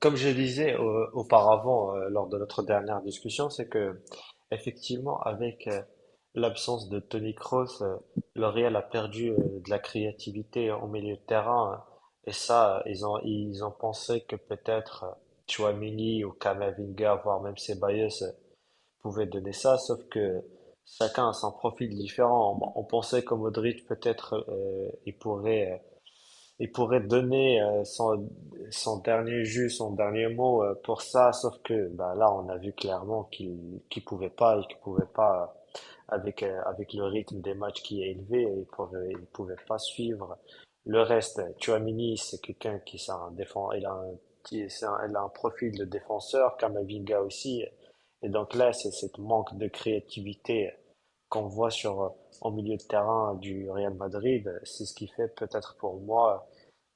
Comme je disais auparavant lors de notre dernière discussion, c'est que effectivement avec l'absence de Toni Kroos, le Real a perdu de la créativité en milieu de terrain et ça, ils ont pensé que peut-être Tchouaméni ou Camavinga voire même Ceballos pouvaient donner ça, sauf que chacun a son profil différent. Bon, on pensait que Modric peut-être il pourrait donner son, son dernier jus, son dernier mot pour ça, sauf que bah, là, on a vu clairement qu'il pouvait pas, et qu'il pouvait pas, avec, avec le rythme des matchs qui est élevé, il pouvait pas suivre. Le reste, Tchouaméni, c'est quelqu'un qui c'est un défend, il a un, qui- c'est un- il a un profil de défenseur, Kamavinga aussi. Et donc là, c'est cette manque de créativité qu'on voit sur, en milieu de terrain du Real Madrid. C'est ce qui fait peut-être pour moi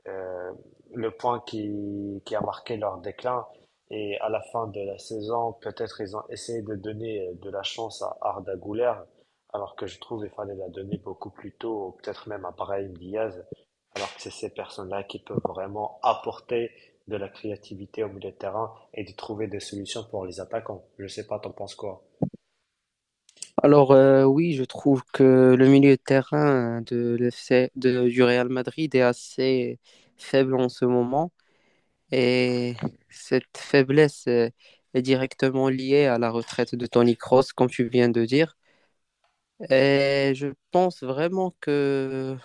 euh, le point qui a marqué leur déclin. Et à la fin de la saison, peut-être ils ont essayé de donner de la chance à Arda Güler, alors que je trouve qu'il fallait la donner beaucoup plus tôt, ou peut-être même à Brahim Diaz, alors que c'est ces personnes-là qui peuvent vraiment apporter de la créativité au milieu de terrain et de trouver des solutions pour les attaquants. Je sais pas, t'en penses quoi? Oui, je trouve que le milieu de terrain de l'FC du Real Madrid est assez faible en ce moment et cette faiblesse est directement liée à la retraite de Toni Kroos, comme tu viens de dire. Et je pense vraiment que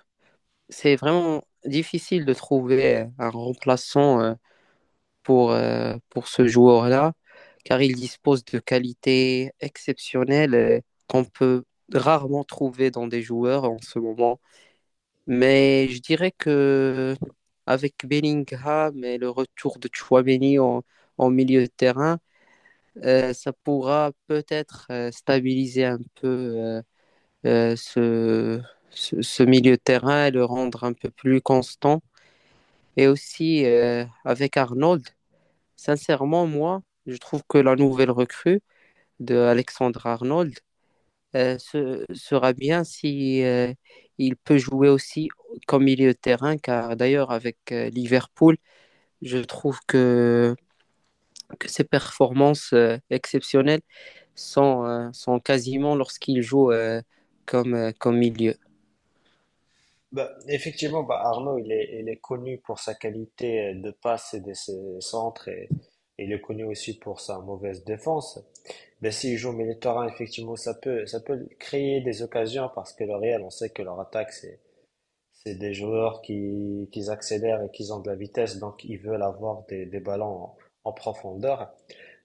c'est vraiment difficile de trouver un remplaçant pour ce joueur-là, car il dispose de qualités exceptionnelles qu'on peut rarement trouver dans des joueurs en ce moment. Mais je dirais que avec Bellingham et le retour de Chouameni en milieu de terrain, ça pourra peut-être stabiliser un peu euh, ce, ce milieu de terrain et le rendre un peu plus constant. Et aussi avec Arnold, sincèrement, moi, je trouve que la nouvelle recrue de Alexandre Arnold sera bien si il peut jouer aussi comme milieu de terrain, car d'ailleurs avec Liverpool, je trouve que ses performances exceptionnelles sont quasiment lorsqu'il joue comme milieu. Bah, effectivement, bah, Arnaud, il est connu pour sa qualité de passe et de ses centres et il est connu aussi pour sa mauvaise défense. Mais s'il joue au milieu de terrain, effectivement, ça peut créer des occasions parce que le Real, on sait que leur attaque, c'est des joueurs qui accélèrent et qui ont de la vitesse, donc ils veulent avoir des ballons en, en profondeur.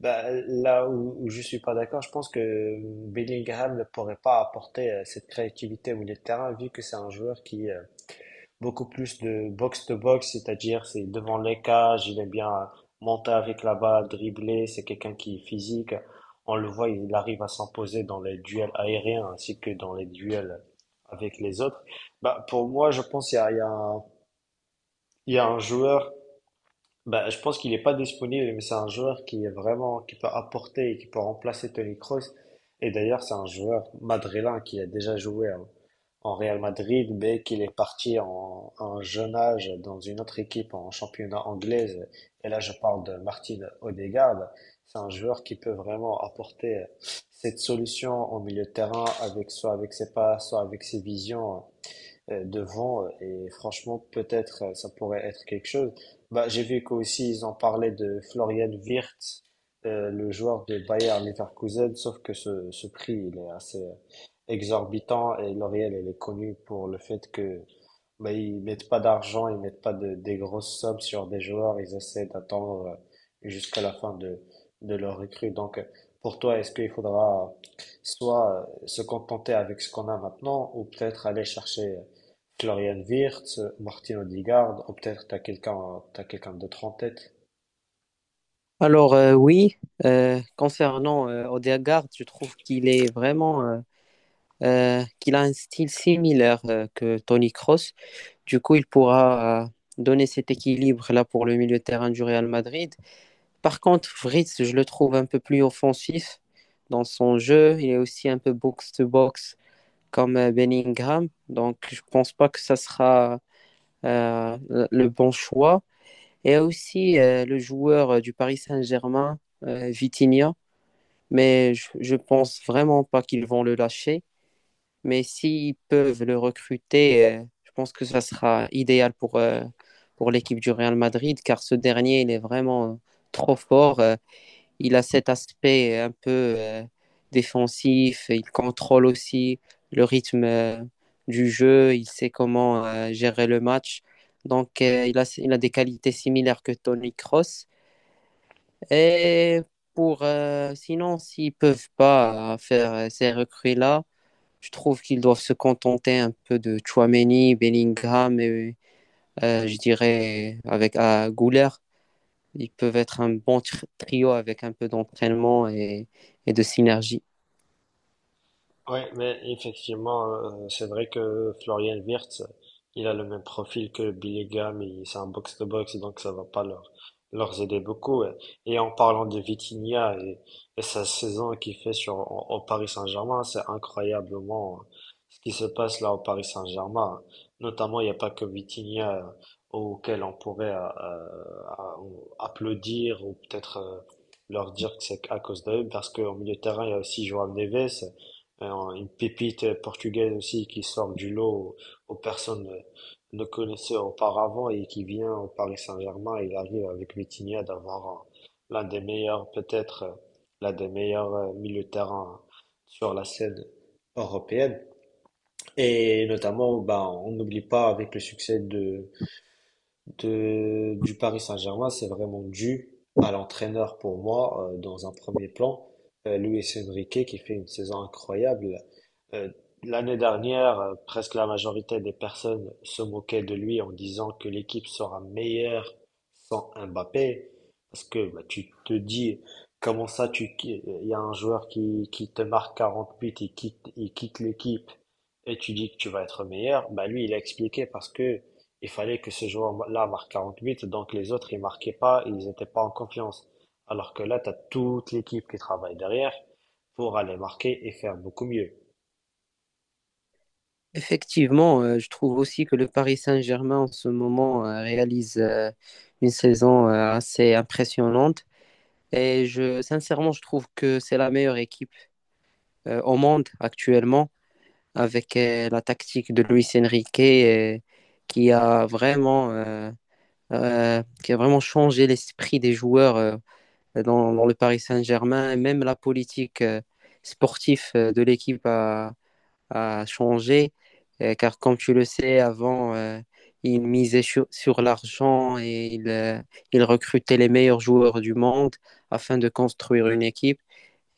Bah, là où, où je suis pas d'accord, je pense que Bellingham ne pourrait pas apporter cette créativité au milieu de terrain vu que c'est un joueur qui, beaucoup plus de box-to-box, c'est-à-dire c'est devant les cages, il aime bien monter avec la balle, dribbler, c'est quelqu'un qui est physique. On le voit, il arrive à s'imposer dans les duels aériens ainsi que dans les duels avec les autres. Bah, pour moi, je pense qu'il y a, il y a un, il y a un joueur, bah, je pense qu'il n'est pas disponible, mais c'est un joueur qui est vraiment, qui peut apporter et qui peut remplacer Tony Kroos. Et d'ailleurs, c'est un joueur madrilène qui a déjà joué hein, en Real Madrid, mais qu'il est parti en, à un jeune âge dans une autre équipe en championnat anglaise. Et là, je parle de Martin Odegaard. C'est un joueur qui peut vraiment apporter cette solution au milieu de terrain avec soit avec ses pas, soit avec ses visions devant et franchement peut-être ça pourrait être quelque chose. Bah, j'ai vu qu'aussi ils en parlaient de Florian Wirtz, le joueur de Bayer Leverkusen, sauf que ce prix il est assez exorbitant et L'Oréal elle est connue pour le fait que mais ils mettent pas d'argent, ils mettent pas de, des grosses sommes sur des joueurs, ils essaient d'attendre jusqu'à la fin de leur recrue. Donc, pour toi, est-ce qu'il faudra soit se contenter avec ce qu'on a maintenant, ou peut-être aller chercher Florian Wirtz, Martin Odegaard, ou peut-être t'as quelqu'un d'autre en tête? Oui, concernant Odegaard, je trouve qu'il est vraiment qu'il a un style similaire que Tony Kroos. Du coup, il pourra donner cet équilibre là pour le milieu de terrain du Real Madrid. Par contre, Fritz, je le trouve un peu plus offensif dans son jeu. Il est aussi un peu box-to-box comme Bellingham. Donc, je pense pas que ça sera euh, le bon choix. Et aussi le joueur du Paris Saint-Germain, Vitinha. Mais je pense vraiment pas qu'ils vont le lâcher. Mais s'ils peuvent le recruter, je pense que ça sera idéal pour l'équipe du Real Madrid, car ce dernier, il est vraiment trop fort. Il a cet aspect un peu défensif, il contrôle aussi le rythme du jeu, il sait comment gérer le match. Donc, il a des qualités similaires que Toni Kroos. Et sinon, s'ils ne peuvent pas faire ces recrues-là, je trouve qu'ils doivent se contenter un peu de Chouameni, Bellingham et je dirais avec Gouler. Ils peuvent être un bon trio avec un peu d'entraînement et de synergie. Ouais, mais effectivement, c'est vrai que Florian Wirtz, il a le même profil que Billy Graham, et c'est un box-to-box, donc ça va pas leur, leur aider beaucoup. Ouais. Et en parlant de Vitinha et sa saison qu'il fait sur, en- au Paris Saint-Germain, c'est incroyablement ce qui se passe là au Paris Saint-Germain. Notamment, il n'y a pas que Vitinha auquel on pourrait applaudir ou peut-être leur dire que c'est à cause d'eux, parce qu'au milieu de terrain, il y a aussi Joao Neves, alors, une pépite portugaise aussi qui sort du lot aux, aux personnes ne connaissaient auparavant et qui vient au Paris Saint-Germain. Il arrive avec Vitinha d'avoir un- l'un des meilleurs, peut-être l'un des meilleurs milieux de terrain sur la scène européenne. Et notamment, ben, on n'oublie pas avec le succès de, du Paris Saint-Germain, c'est vraiment dû à l'entraîneur pour moi, dans un premier plan, Luis Enrique, qui fait une saison incroyable. Euh, L'année dernière, presque la majorité des personnes se moquaient de lui en disant que l'équipe sera meilleure sans Mbappé, parce que bah, tu te dis, comment ça, tu, qui- il y a un joueur qui te marque 40 buts, il quitte l'équipe, et tu dis que tu vas être meilleur. Bah, lui, il a expliqué parce que il fallait que ce joueur-là marque 48 donc les autres, ils marquaient pas, ils n'étaient pas en confiance. Alors que là, tu as toute l'équipe qui travaille derrière pour aller marquer et faire beaucoup mieux. Effectivement, je trouve aussi que le Paris Saint-Germain en ce moment réalise une saison assez impressionnante. Et sincèrement, je trouve que c'est la meilleure équipe au monde actuellement, avec la tactique de Luis Enrique qui a vraiment, euh, qui a vraiment changé l'esprit des joueurs dans le Paris Saint-Germain. Même la politique sportive a changé. Car comme tu le sais, avant, sur l'argent il recrutait les meilleurs joueurs du monde afin de construire une équipe.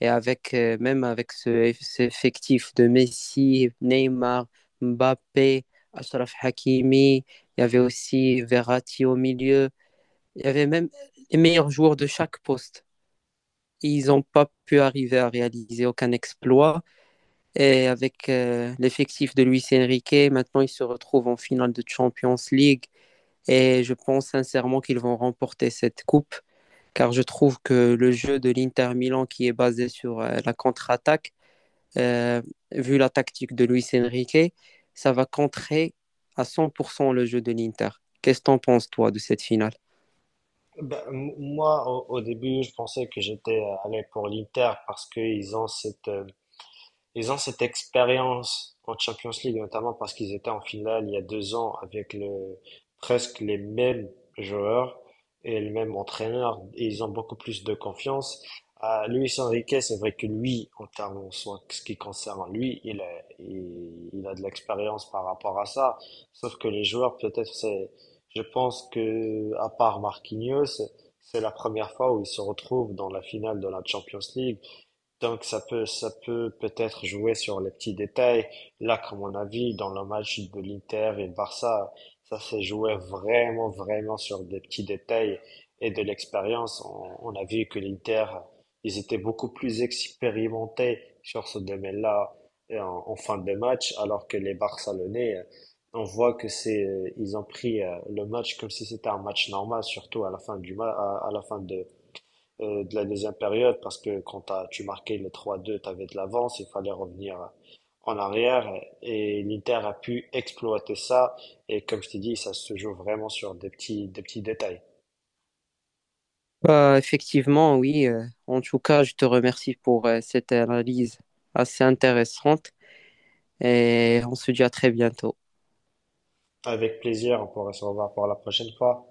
Et avec, même avec ce effectif de Messi, Neymar, Mbappé, Achraf Hakimi, il y avait aussi Verratti au milieu. Il y avait même les meilleurs joueurs de chaque poste. Ils n'ont pas pu arriver à réaliser aucun exploit. Et avec l'effectif de Luis Enrique, maintenant ils se retrouvent en finale de Champions League. Et je pense sincèrement qu'ils vont remporter cette coupe, car je trouve que le jeu de l'Inter Milan, qui est basé sur la contre-attaque, euh, vu la tactique de Luis Enrique, ça va contrer à 100% le jeu de l'Inter. Qu'est-ce que t'en penses, toi, de cette finale? Ben, m- moi, au, au début, je pensais que j'étais allé pour l'Inter parce qu'ils ont cette ils ont cette expérience en Champions League, notamment parce qu'ils étaient en finale il y a 2 ans avec le, presque les mêmes joueurs et le même entraîneur. Et ils ont beaucoup plus de confiance. Ah, Luis Enrique, c'est vrai que lui, en termes, en soi, ce qui concerne lui, il a, il, il a de l'expérience par rapport à ça. Sauf que les joueurs, peut-être, c'est, je pense que, à part Marquinhos, c'est la première fois où ils se retrouvent dans la finale de la Champions League donc ça peut peut-être jouer sur les petits détails. Là, comme mon avis, dans le match de l'Inter et le Barça, ça s'est joué vraiment, vraiment sur des petits détails et de l'expérience. On a vu que l'Inter, ils étaient beaucoup plus expérimentés sur ce domaine-là et en, en fin de match, alors que les Barcelonais, on voit que c'est, ils ont pris le match comme si c'était un match normal, surtout à la fin du ma- à la fin de la deuxième période parce que quand t'as, tu marquais le 3-2, tu avais de l'avance, il fallait revenir en arrière et l'Inter a pu exploiter ça et comme je t'ai dit, ça se joue vraiment sur des petits détails. Bah, effectivement, oui. En tout cas, je te remercie pour cette analyse assez intéressante et on se dit à très bientôt. Avec plaisir, on pourra se revoir pour la prochaine fois.